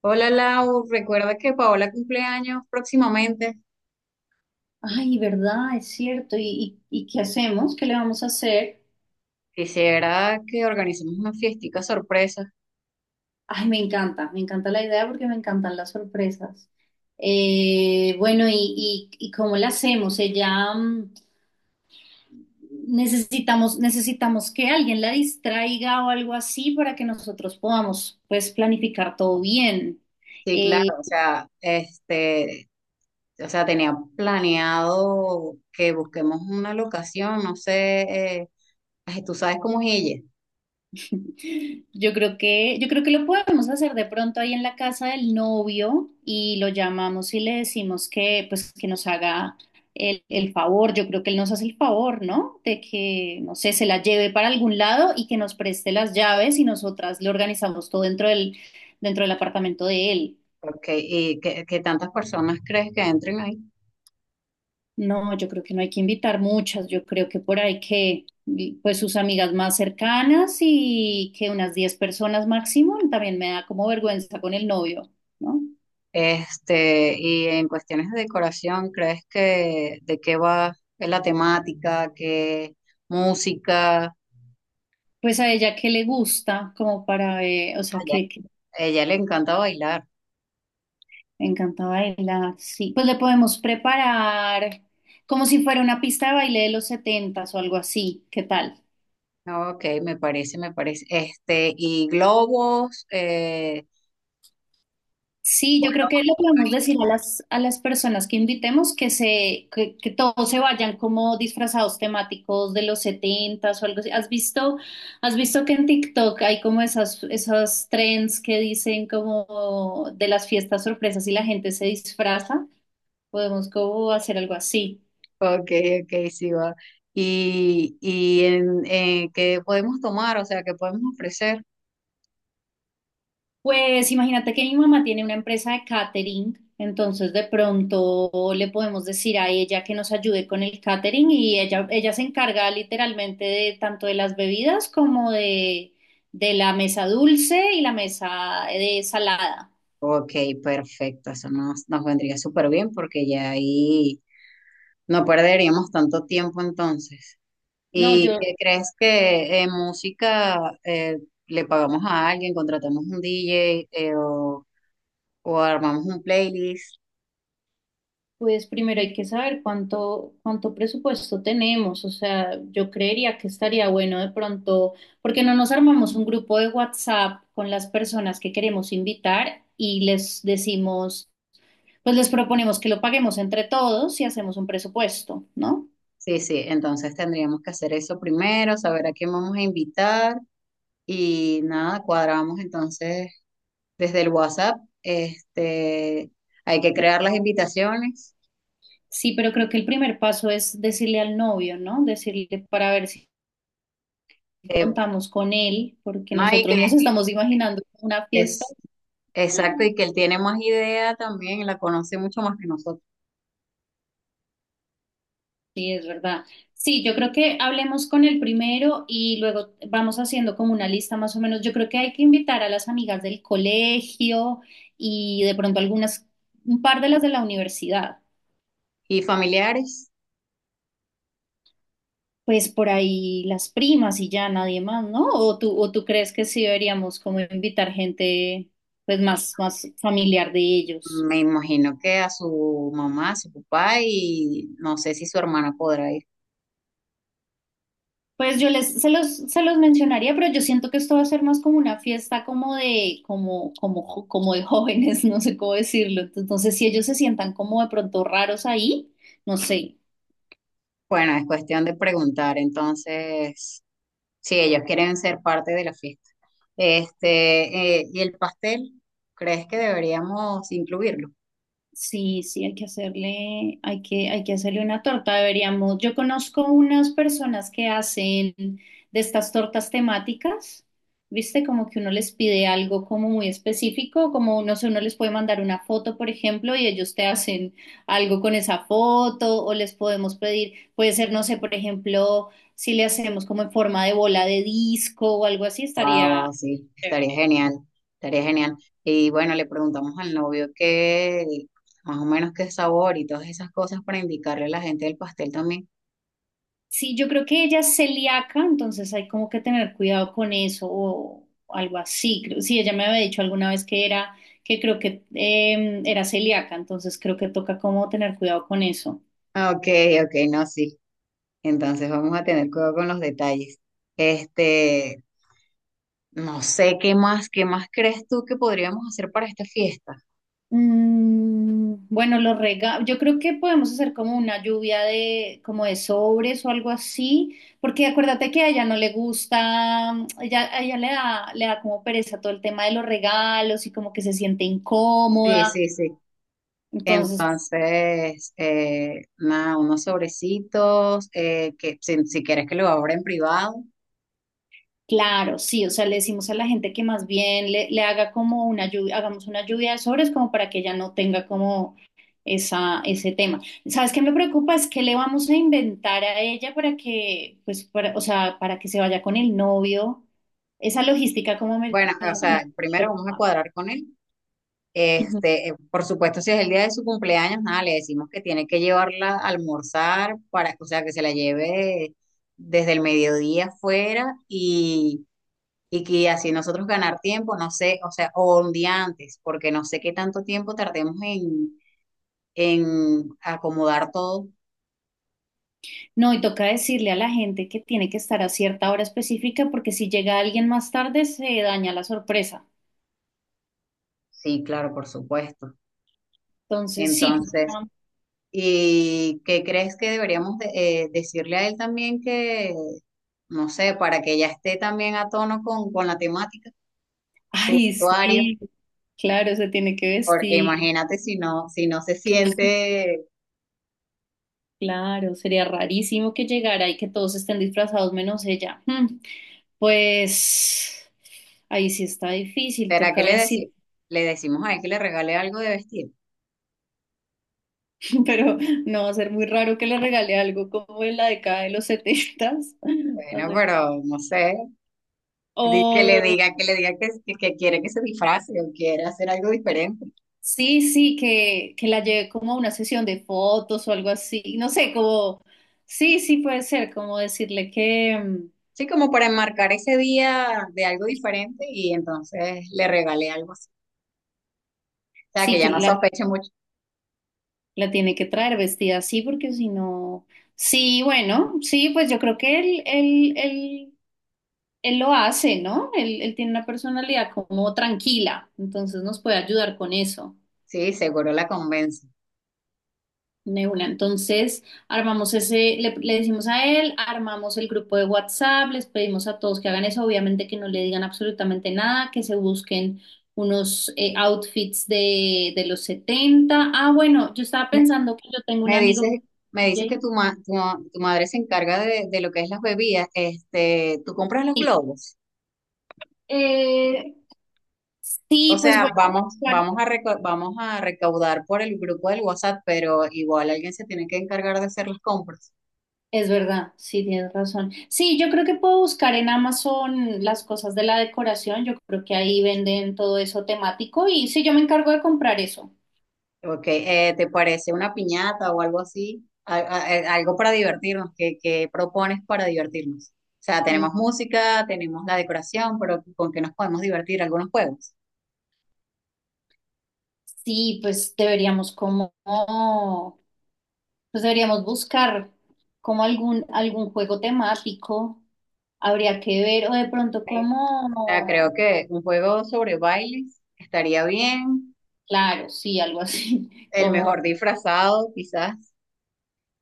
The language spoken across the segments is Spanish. Hola, Lau, recuerda que Paola cumple años próximamente. Ay, ¿verdad? Es cierto. ¿Y qué hacemos? ¿Qué le vamos a hacer? Quisiera que organicemos una fiestica sorpresa. Ay, me encanta la idea porque me encantan las sorpresas. Bueno, ¿y cómo la hacemos? Ella, necesitamos, necesitamos que alguien la distraiga o algo así para que nosotros podamos, pues, planificar todo bien. Sí, claro, Eh, o sea, este, o sea, tenía planeado que busquemos una locación, no sé, ay, tú sabes cómo es ella, yo creo que lo podemos hacer de pronto ahí en la casa del novio y lo llamamos y le decimos que, pues, que nos haga el favor. Yo creo que él nos hace el favor, ¿no? De que, no sé, se la lleve para algún lado y que nos preste las llaves y nosotras le organizamos todo dentro del apartamento de él. porque y que tantas personas crees que entren ahí. No, yo creo que no hay que invitar muchas, yo creo que por ahí que pues sus amigas más cercanas y que unas 10 personas máximo, también me da como vergüenza con el novio, ¿no? Este, y en cuestiones de decoración, ¿crees que de qué va la temática, qué música? Pues a ella que le gusta, como para, o sea, ella, que a ella le encanta bailar. me encanta bailar, sí. Pues le podemos preparar como si fuera una pista de baile de los setentas o algo así, ¿qué tal? Ok, me parece, me parece. Este, y globos, Sí, yo creo que le podemos decir a las personas que invitemos que todos se vayan como disfrazados temáticos de los setentas o algo así. Has visto que en TikTok hay como esas, esos trends que dicen como de las fiestas sorpresas y la gente se disfraza? Podemos como hacer algo así. ok, ok, sí va. Y en, ¿qué podemos tomar? O sea, ¿qué podemos ofrecer? Pues imagínate que mi mamá tiene una empresa de catering, entonces de pronto le podemos decir a ella que nos ayude con el catering y ella se encarga literalmente de tanto de las bebidas como de la mesa dulce y la mesa de salada. Ok, perfecto, eso nos, nos vendría súper bien porque ya ahí no perderíamos tanto tiempo entonces. No, ¿Y yo, qué crees que en música eh, le pagamos a alguien, contratamos un DJ, o armamos un playlist? pues primero hay que saber cuánto, cuánto presupuesto tenemos, o sea, yo creería que estaría bueno de pronto, porque no nos armamos un grupo de WhatsApp con las personas que queremos invitar y les decimos, pues les proponemos que lo paguemos entre todos y hacemos un presupuesto, ¿no? Sí, sí, entonces tendríamos que hacer eso primero, saber a quién vamos a invitar y nada, cuadramos entonces desde el WhatsApp, este, hay que crear las invitaciones, Sí, pero creo que el primer paso es decirle al novio, ¿no? Decirle para ver si eh, contamos con él, porque no, y que nosotros nos estamos imaginando una fiesta. es exacto y que él tiene más idea también, la conoce mucho más que nosotros. Sí, es verdad. Sí, yo creo que hablemos con el primero y luego vamos haciendo como una lista más o menos. Yo creo que hay que invitar a las amigas del colegio y de pronto algunas, un par de las de la universidad. Y familiares, Pues por ahí las primas y ya nadie más, ¿no? ¿O tú crees que sí deberíamos como invitar gente pues más, más familiar de ellos? me imagino que a su mamá, a su papá y no sé si su hermana podrá ir. Pues yo les, se los mencionaría, pero yo siento que esto va a ser más como una fiesta como de, como como de jóvenes, no sé cómo decirlo. Entonces, si ellos se sientan como de pronto raros ahí, no sé. Bueno, es cuestión de preguntar entonces. Sí, ellos quieren ser parte de la fiesta. Este, ¿y el pastel? ¿Crees que deberíamos incluirlo? Sí, sí, hay que hacerle una torta. Deberíamos. Yo conozco unas personas que hacen de estas tortas temáticas, ¿viste? Como que uno les pide algo como muy específico, como no sé, uno les puede mandar una foto, por ejemplo, y ellos te hacen algo con esa foto, o les podemos pedir, puede ser, no sé, por ejemplo, si le hacemos como en forma de bola de disco o algo así, estaría Wow, sí, estaría chévere. genial, estaría genial. Y bueno, le preguntamos al novio qué, más o menos qué sabor y todas esas cosas para indicarle a la gente del pastel también. Sí, yo creo que ella es celíaca, entonces hay como que tener cuidado con eso o algo así. Creo- sí, ella me había dicho alguna vez que era, que creo que era celíaca, entonces creo que toca como tener cuidado con eso. Ok, ok, no, sí. Entonces vamos a tener cuidado con los detalles. Este, no sé qué más crees tú que podríamos hacer para esta fiesta. Bueno, los regalos, yo creo que podemos hacer como una lluvia de, como de sobres o algo así, porque acuérdate que a ella no le gusta, ella, a ella le da como pereza todo el tema de los regalos y como que se siente Sí, incómoda. sí, sí. Entonces, Entonces, nada, unos sobrecitos, que si, si quieres que lo abra en privado. claro, sí, o sea, le decimos a la gente que más bien le, le haga como una lluvia, hagamos una lluvia de sobres como para que ella no tenga como esa, ese tema. ¿Sabes qué me preocupa? Es que le vamos a inventar a ella para que, pues, para, o sea, para que se vaya con el novio. Esa logística Bueno, o como me- sea, primero vamos a cuadrar con él. Ujú. Este, por supuesto, si es el día de su cumpleaños, nada, le decimos que tiene que llevarla a almorzar para, o sea, que se la lleve desde el mediodía afuera y que así nosotros ganar tiempo, no sé, o sea, o un día antes, porque no sé qué tanto tiempo tardemos en acomodar todo. No, y toca decirle a la gente que tiene que estar a cierta hora específica porque si llega alguien más tarde se daña la sorpresa. Sí, claro, por supuesto. Entonces, sí, Entonces, ¿y qué crees que deberíamos de- decirle a él también que, no sé, para que ya esté también a tono con la temática, su ay, vestuario? sí, claro, se tiene que Porque vestir. imagínate si no, si no se siente, Claro, sería rarísimo que llegara y que todos estén disfrazados menos ella. Mm, pues ahí sí está difícil, ¿será que toca le decir, decimos? Le decimos a él que le regale algo de vestir. pero no va a ser muy raro que le regale algo como en la década de los setentas. Va a Bueno, ser- pero no sé, di- que le o diga, que le diga que quiere que se disfrace o quiere hacer algo diferente. sí, sí, que la lleve como a una sesión de fotos o algo así. No sé, como sí, sí puede ser, como decirle que Sí, como para enmarcar ese día de algo diferente y entonces le regale algo así. O sea, que sí, ya que no la sospeche mucho. la tiene que traer vestida así porque si no... Sí, bueno, sí, pues yo creo que él lo hace, ¿no? Él tiene una personalidad como tranquila, entonces nos puede ayudar con eso. Sí, seguro la convence. De una. Entonces, armamos ese, le decimos a él, armamos el grupo de WhatsApp, les pedimos a todos que hagan eso, obviamente que no le digan absolutamente nada, que se busquen unos outfits de los setenta. Ah, bueno, yo estaba Me, pensando que yo tengo un me amigo dices, que me es dices que DJ. tu, ma- tu, ma- tu madre se encarga de lo que es las bebidas. Este, tú compras los Sí, globos. Eh, O sí, pues voy sea, a vamos, buscar. vamos a reco- vamos a recaudar por el grupo del WhatsApp, pero igual alguien se tiene que encargar de hacer las compras. Es verdad, sí, tienes razón. Sí, yo creo que puedo buscar en Amazon las cosas de la decoración. Yo creo que ahí venden todo eso temático y sí, yo me encargo de comprar eso. Okay, ¿te parece una piñata o algo así? A- algo para divertirnos. ¿Qué, qué propones para divertirnos? O sea, Mm, tenemos música, tenemos la decoración, pero ¿con qué nos podemos divertir? ¿Algunos juegos? Sí, pues deberíamos como, pues deberíamos buscar como algún, algún juego temático. Habría que ver, o de pronto Sea, creo como, que un juego sobre bailes estaría bien. claro, sí, algo así, El como mejor disfrazado, quizás.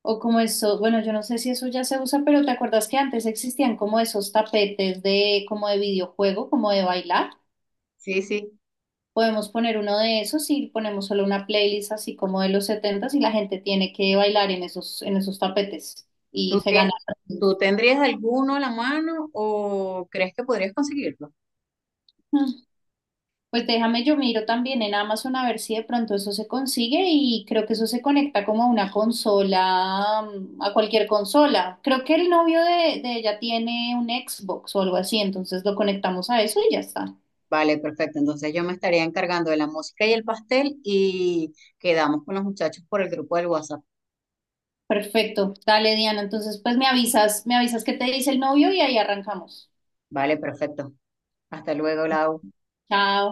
o como eso, bueno, yo no sé si eso ya se usa, pero ¿te acuerdas que antes existían como esos tapetes de como de videojuego, como de bailar? Sí, sí. Podemos poner uno de esos y ponemos solo una playlist así como de los setentas y la gente tiene que bailar en esos tapetes y ¿Tú, se tie- gana. ¿Tú tendrías alguno a la mano o crees que podrías conseguirlo? Pues déjame, yo miro también en Amazon a ver si de pronto eso se consigue y creo que eso se conecta como a una consola, a cualquier consola. Creo que el novio de ella tiene un Xbox o algo así, entonces lo conectamos a eso y ya está. Vale, perfecto. Entonces yo me estaría encargando de la música y el pastel y quedamos con los muchachos por el grupo del WhatsApp. Perfecto. Dale, Diana. Entonces, pues me avisas qué te dice el novio y ahí arrancamos. Vale, perfecto. Hasta luego, Lau. Chao.